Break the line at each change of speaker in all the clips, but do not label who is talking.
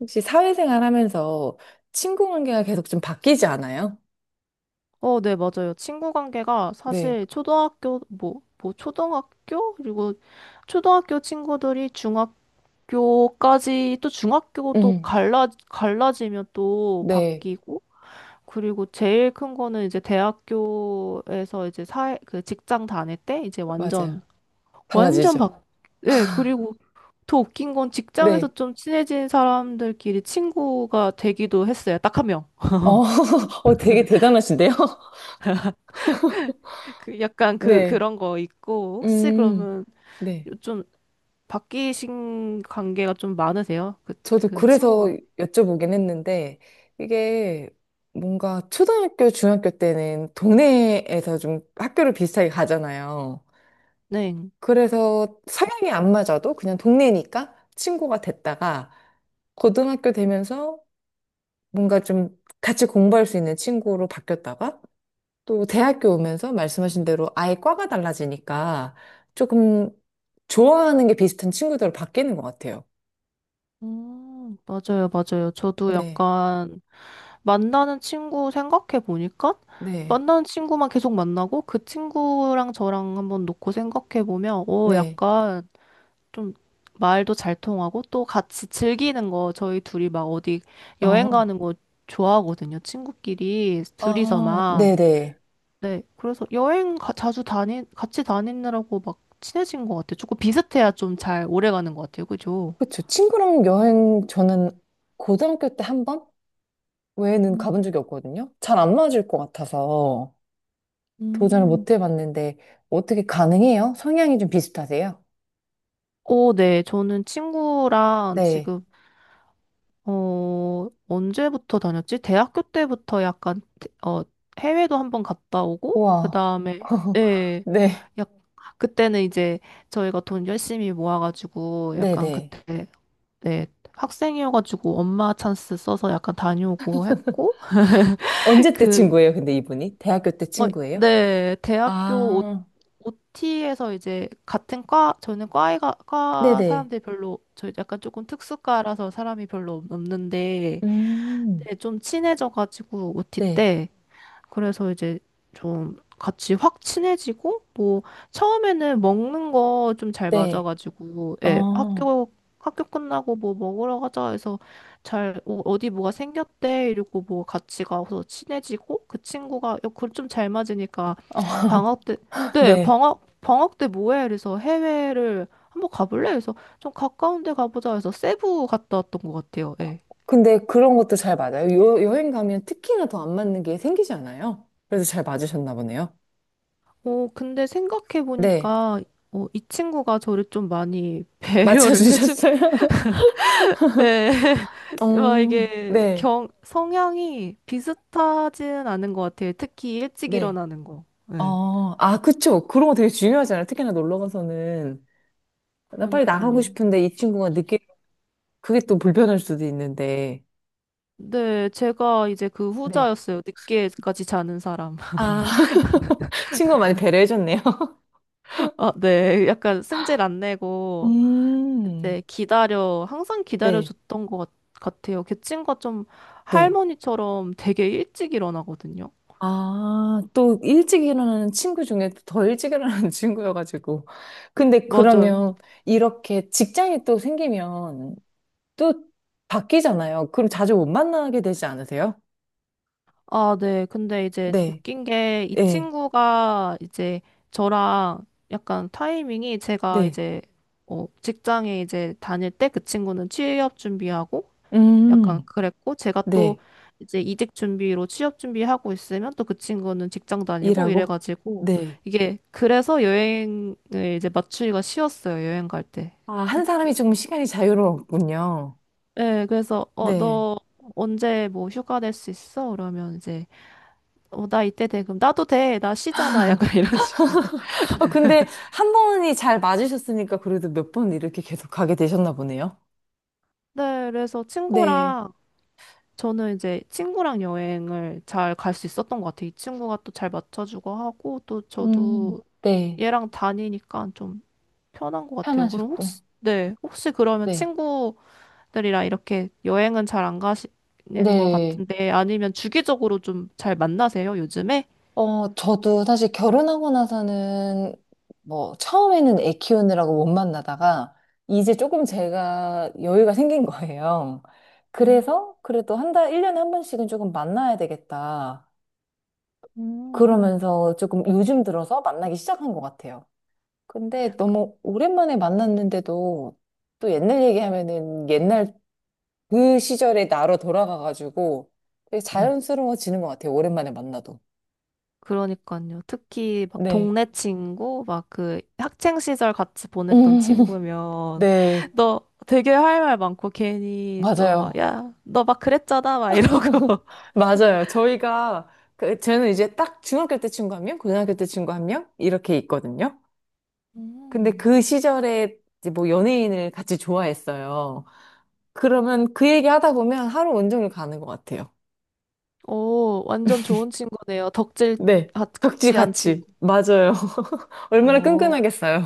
혹시 사회생활 하면서 친구 관계가 계속 좀 바뀌지 않아요?
맞아요. 친구 관계가
네,
사실 초등학교, 초등학교? 그리고 초등학교 친구들이 중학교까지 또 중학교 또
음,
갈라지면 또
네,
바뀌고, 그리고 제일 큰 거는 이제 대학교에서 이제 사회, 그 직장 다닐 때 이제 완전,
맞아요.
완전 바,
달라지죠.
예, 그리고 더 웃긴 건 직장에서
네,
좀 친해진 사람들끼리 친구가 되기도 했어요. 딱 한 명.
어, 어, 되게 대단하신데요?
그 약간 그
네,
그런 거 있고 혹시
음,
그러면
네.
요즘 바뀌신 관계가 좀 많으세요? 그,
저도
그
그래서
친구가.
여쭤보긴 했는데, 이게 뭔가 초등학교, 중학교 때는 동네에서 좀 학교를 비슷하게 가잖아요.
네.
그래서 성향이 안 맞아도 그냥 동네니까 친구가 됐다가, 고등학교 되면서 뭔가 좀 같이 공부할 수 있는 친구로 바뀌었다가 또 대학교 오면서 말씀하신 대로 아예 과가 달라지니까 조금 좋아하는 게 비슷한 친구들로 바뀌는 것 같아요.
맞아요, 맞아요. 저도
네,
약간 만나는 친구 생각해 보니까
네,
만나는 친구만 계속 만나고 그 친구랑 저랑 한번 놓고 생각해 보면 오,
네.
약간 좀 말도 잘 통하고 또 같이 즐기는 거 저희 둘이 막 어디 여행
어,
가는 거 좋아하거든요. 친구끼리
아,
둘이서만.
네네.
네, 그래서 자주 같이 다니느라고 막 친해진 것 같아요. 조금 비슷해야 좀 잘 오래 가는 것 같아요. 그죠?
그쵸. 친구랑 여행 저는 고등학교 때 한 번? 외에는 가본
음.
적이 없거든요. 잘 안 맞을 것 같아서 도전을
음.
못 해봤는데 어떻게 가능해요? 성향이 좀 비슷하세요?
오, 네. 저는 친구랑
네.
지금, 언제부터 다녔지? 대학교 때부터 약간, 태- 어, 해외도 한 번 갔다 오고, 그
우와.
다음에, 예.
네.
약, 그때는 이제 저희가 돈 열심히 모아가지고, 약간
네네.
그때, 네. 학생이어가지고 엄마 찬스 써서 약간 다녀오고 했고,
언제 때
그
친구예요, 근데 이분이? 대학교 때
어,
친구예요?
네, 대학교 오,
아,
OT에서 이제 같은 과, 저는 과에가, 과
네네.
사람들이 별로, 저 약간 조금 특수과라서 사람이 별로 없는데,
음,
네, 좀 친해져가지고 OT
네,
때, 그래서 이제 좀 같이 확 친해지고, 뭐, 처음에는 먹는 거 좀 잘
네.
맞아가지고,
어,
예,
어,
학교, 학교 끝나고 뭐 먹으러 가자 해서 잘, 어, 어디 뭐가 생겼대 이러고 뭐 같이 가서 친해지고, 그 친구가, 그좀 잘 맞으니까 방학 때, 네,
네.
방학 때 뭐해? 그래서 해외를 한번 가볼래? 그래서 좀 가까운 데 가보자 해서 세부 갔다 왔던 것 같아요. 예.
근데 그런 것도 잘 맞아요. 여행 가면 특히나 더 안 맞는 게 생기지 않아요? 그래서 잘 맞으셨나 보네요.
어, 근데
네.
생각해보니까, 어, 이 친구가 저를 좀 많이 배려를 해준,
맞춰주셨어요?
네. 막
어,
이게
네,
경, 성향이 비슷하진 않은 것 같아요. 특히 일찍
네.
일어나는 거. 네.
어, 아, 그쵸. 그런 거 되게 중요하잖아요. 특히나 놀러 가서는. 나 빨리 나가고
그러니까요.
싶은데 이 친구가 늦게, 그게 또 불편할 수도 있는데.
네, 제가 이제 그
네.
후자였어요. 늦게까지 자는 사람.
아, 친구가 많이 배려해줬네요.
아, 네. 약간 승질 안 내고,
음,
이제 기다려, 항상
네,
기다려줬던 것 같아요. 걔 친구가 좀
네.
할머니처럼 되게 일찍 일어나거든요.
아, 또 일찍 일어나는 친구 중에 더 일찍 일어나는 친구여가지고. 근데
맞아요.
그러면 이렇게 직장이 또 생기면 또 바뀌잖아요. 그럼 자주 못 만나게 되지 않으세요?
아, 네. 근데 이제
네,
웃긴 게 이
네,
친구가 이제 저랑 약간 타이밍이 제가
네.
이제 직장에 이제 다닐 때 그 친구는 취업 준비하고
음,
약간 그랬고 제가 또
네.
이제 이직 준비로 취업 준비하고 있으면 또 그 친구는 직장 다니고
일하고?
이래가지고
네.
이게 그래서 여행을 이제 맞추기가 쉬웠어요. 여행 갈 때.
아, 한 사람이
특히.
조금 시간이 자유로웠군요.
네. 그래서 어, 너 언제 뭐 휴가 낼 수 있어? 그러면 이제 어, 나 이때 돼. 그럼 나도 돼. 나 쉬잖아. 약간 이런 식으로.
아, 근데 한 번이 잘 맞으셨으니까 그래도 몇 번 이렇게 계속 가게 되셨나 보네요.
네, 그래서
네.
친구랑, 저는 이제 친구랑 여행을 잘 갈 수 있었던 것 같아요. 이 친구가 또 잘 맞춰주고 하고, 또
음,
저도
네.
얘랑 다니니까 좀 편한 것 같아요. 그럼
편하셨고.
혹시, 네, 혹시 그러면
네.
친구들이랑 이렇게 여행은 잘 안 가시는 것
네.
같은데, 아니면 주기적으로 좀 잘 만나세요, 요즘에?
어, 저도 사실 결혼하고 나서는 뭐 처음에는 애 키우느라고 못 만나다가 이제 조금 제가 여유가 생긴 거예요.
음.
그래서 그래도 한 달, 1년에 한 번씩은 조금 만나야 되겠다.
음.
그러면서 조금 요즘 들어서 만나기 시작한 것 같아요. 근데 너무 오랜만에 만났는데도 또 옛날 얘기하면은 옛날 그 시절의 나로 돌아가가지고 되게 자연스러워지는 것 같아요. 오랜만에 만나도.
그러니까요. 특히 막
네.
동네 친구, 막 그 학창 시절 같이 보냈던 친구면
네.
너 되게 할 말 많고 괜히 또 막
맞아요.
야, 너 막 그랬잖아 막 이러고.
맞아요. 저희가, 그, 저는 이제 딱 중학교 때 친구 한 명, 고등학교 때 친구 한 명, 이렇게 있거든요. 근데
음.
그 시절에 이제 뭐 연예인을 같이 좋아했어요. 그러면 그 얘기 하다 보면 하루 온종일 가는 것 같아요.
오, 완전 좋은 친구네요. 덕질
네. 벽지
같이 한 친구.
같이. 맞아요. 얼마나
어.
끈끈하겠어요.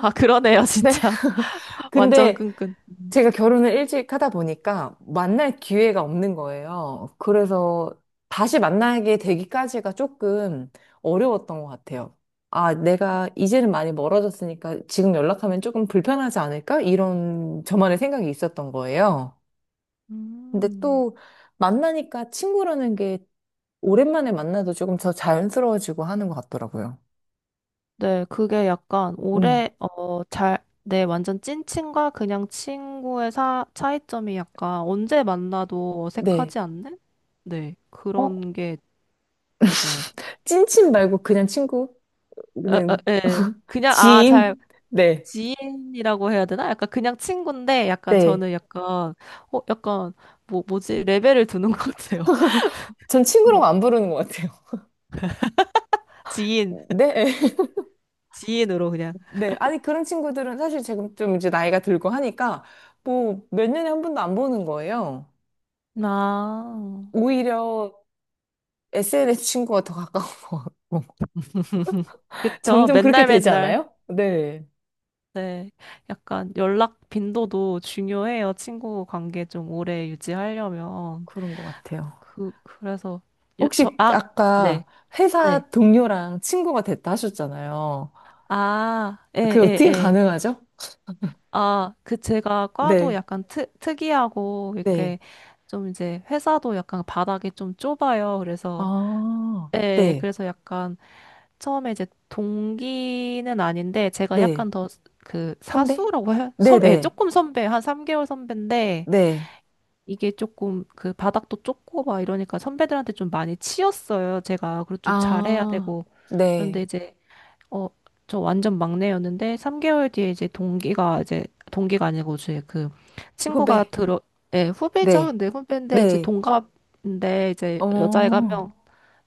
아, 그러네요,
네.
진짜. 완전
근데
끈끈.
제가 결혼을 일찍 하다 보니까 만날 기회가 없는 거예요. 그래서 다시 만나게 되기까지가 조금 어려웠던 것 같아요. 아, 내가 이제는 많이 멀어졌으니까 지금 연락하면 조금 불편하지 않을까? 이런 저만의 생각이 있었던 거예요. 근데
음.
또 만나니까 친구라는 게 오랜만에 만나도 조금 더 자연스러워지고 하는 것 같더라고요.
네, 그게 약간
음.
올해, 어, 잘, 네, 완전 찐친과 그냥 친구의 사, 차이점이 약간 언제 만나도
네.
어색하지 않는? 네,
어?
그런 게 맞아요.
찐친 말고 그냥 친구는
에, 에, 에. 그냥, 아, 잘,
지인? 네.
지인이라고 해야 되나? 약간 그냥 친구인데, 약간
네.
저는 약간, 어, 약간, 뭐지? 레벨을 두는 것 같아요.
전 친구라고
어,
안 부르는 것 같아요.
지인,
네.
지인으로 그냥.
네. 아니, 그런 친구들은 사실 지금 좀 이제 나이가 들고 하니까 뭐 몇 년에 한 번도 안 보는 거예요.
아,
오히려 SNS 친구가 더 가까워.
그쵸.
점점 그렇게
맨날
되지
맨날.
않아요? 네.
네, 약간 연락 빈도도 중요해요. 친구 관계 좀 오래 유지하려면.
그런 것 같아요.
그, 그래서, 요, 저,
혹시
아,
아까
네, 네.
회사 동료랑 친구가 됐다 하셨잖아요.
아, 예,
그게
예,
어떻게
예.
가능하죠?
아, 그 제가 과도
네.
약간 특, 특이하고,
네.
이렇게 좀 이제 회사도 약간 바닥이 좀 좁아요. 그래서,
아,
예,
네.
그래서 약간 처음에 이제 동기는 아닌데, 제가
네.
약간 더 그
선배?
사수라고 해요?
네
선, 예,
네.
조금 선배, 한 3개월 선배인데,
네.
이게 조금 그 바닥도 좁고 막 이러니까 선배들한테 좀 많이 치였어요. 제가 그리고 좀 잘해야
아,
되고 그런데
네.
이제 어 저 완전 막내였는데 3개월 뒤에 이제 동기가 이제 동기가 아니고 이제 그 친구가
후배.
들어 예 후배죠.
네.
근데 후배인데 이제
네.
동갑인데 이제 여자애가 한
어,
명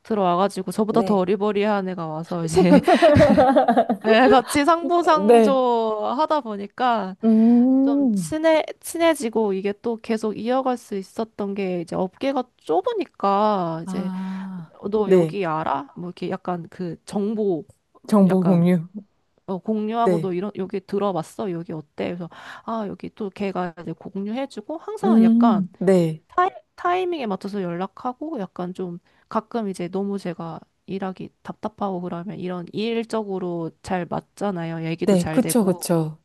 들어와가지고 저보다 더
네.
어리버리한 애가 와서 이제 예, 같이
네.
상부상조 하다 보니까 좀
음,
친해지고 이게 또 계속 이어갈 수 있었던 게 이제 업계가 좁으니까 이제
아,
어, 너
네.
여기 알아? 뭐 이렇게 약간 그 정보
정보
약간
공유.
어, 공유하고 너
네.
이런 여기 들어봤어? 여기 어때? 그래서 아 여기 또 걔가 이제 공유해주고 항상 약간
네.
타이, 타이밍에 맞춰서 연락하고 약간 좀 가끔 이제 너무 제가 일하기 답답하고 그러면 이런 일적으로 잘 맞잖아요. 얘기도
네.
잘
그쵸,
되고.
그쵸.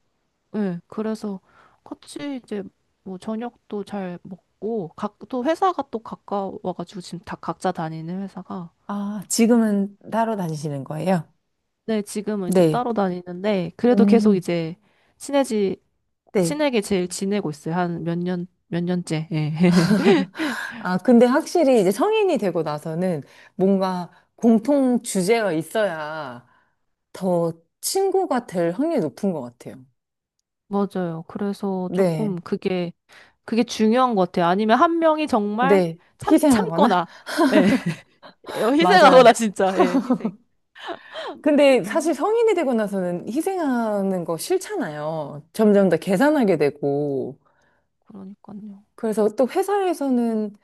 네, 그래서 같이 이제 뭐 저녁도 잘 먹고 각 또 회사가 또 가까워가지고 지금 다 각자 다니는 회사가
아, 지금은 따로 다니시는 거예요?
네 지금은 이제
네.
따로 다니는데 그래도 계속
음,
이제 친해지
네.
친하게 제일 지내고 있어요. 한 몇 년 몇 년째 예.
아, 근데 확실히 이제 성인이 되고 나서는 뭔가 공통 주제가 있어야 더 친구가 될 확률이 높은 것 같아요.
맞아요. 그래서
네,
조금 그게 그게 중요한 것 같아요. 아니면 한 명이 정말
네.
참
희생하거나?
참거나 예. 희생하거나
맞아요.
진짜 예 희생.
근데
아,
사실 성인이 되고 나서는 희생하는 거 싫잖아요. 점점 더 계산하게 되고.
그러니까요.
그래서 또 회사에서는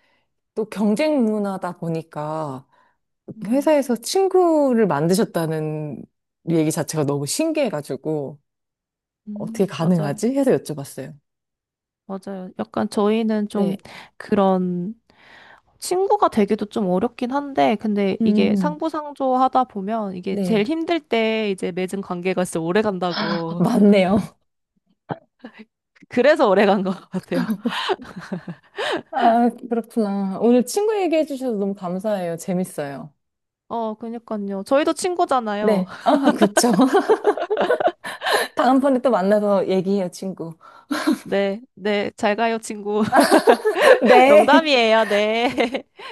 또 경쟁 문화다 보니까
음,
회사에서 친구를 만드셨다는 얘기 자체가 너무 신기해가지고. 어떻게
음.
가능하지? 해서 여쭤봤어요.
맞아요. 약간 저희는 좀
네.
그런 친구가 되기도 좀 어렵긴 한데, 근데 이게
음,
상부상조 하다 보면 이게 제일
네.
힘들 때 이제 맺은 관계가 진짜 오래
아,
간다고.
맞네요.
그래서 오래 간 것 같아요.
아, 그렇구나. 오늘 친구 얘기해 주셔서 너무 감사해요. 재밌어요.
어, 그니까요. 저희도 친구잖아요.
네. 아, 그쵸. 다음번에 또 만나서 얘기해요, 친구.
네, 네, 잘 가요, 친구.
네.
농담이에요, 네.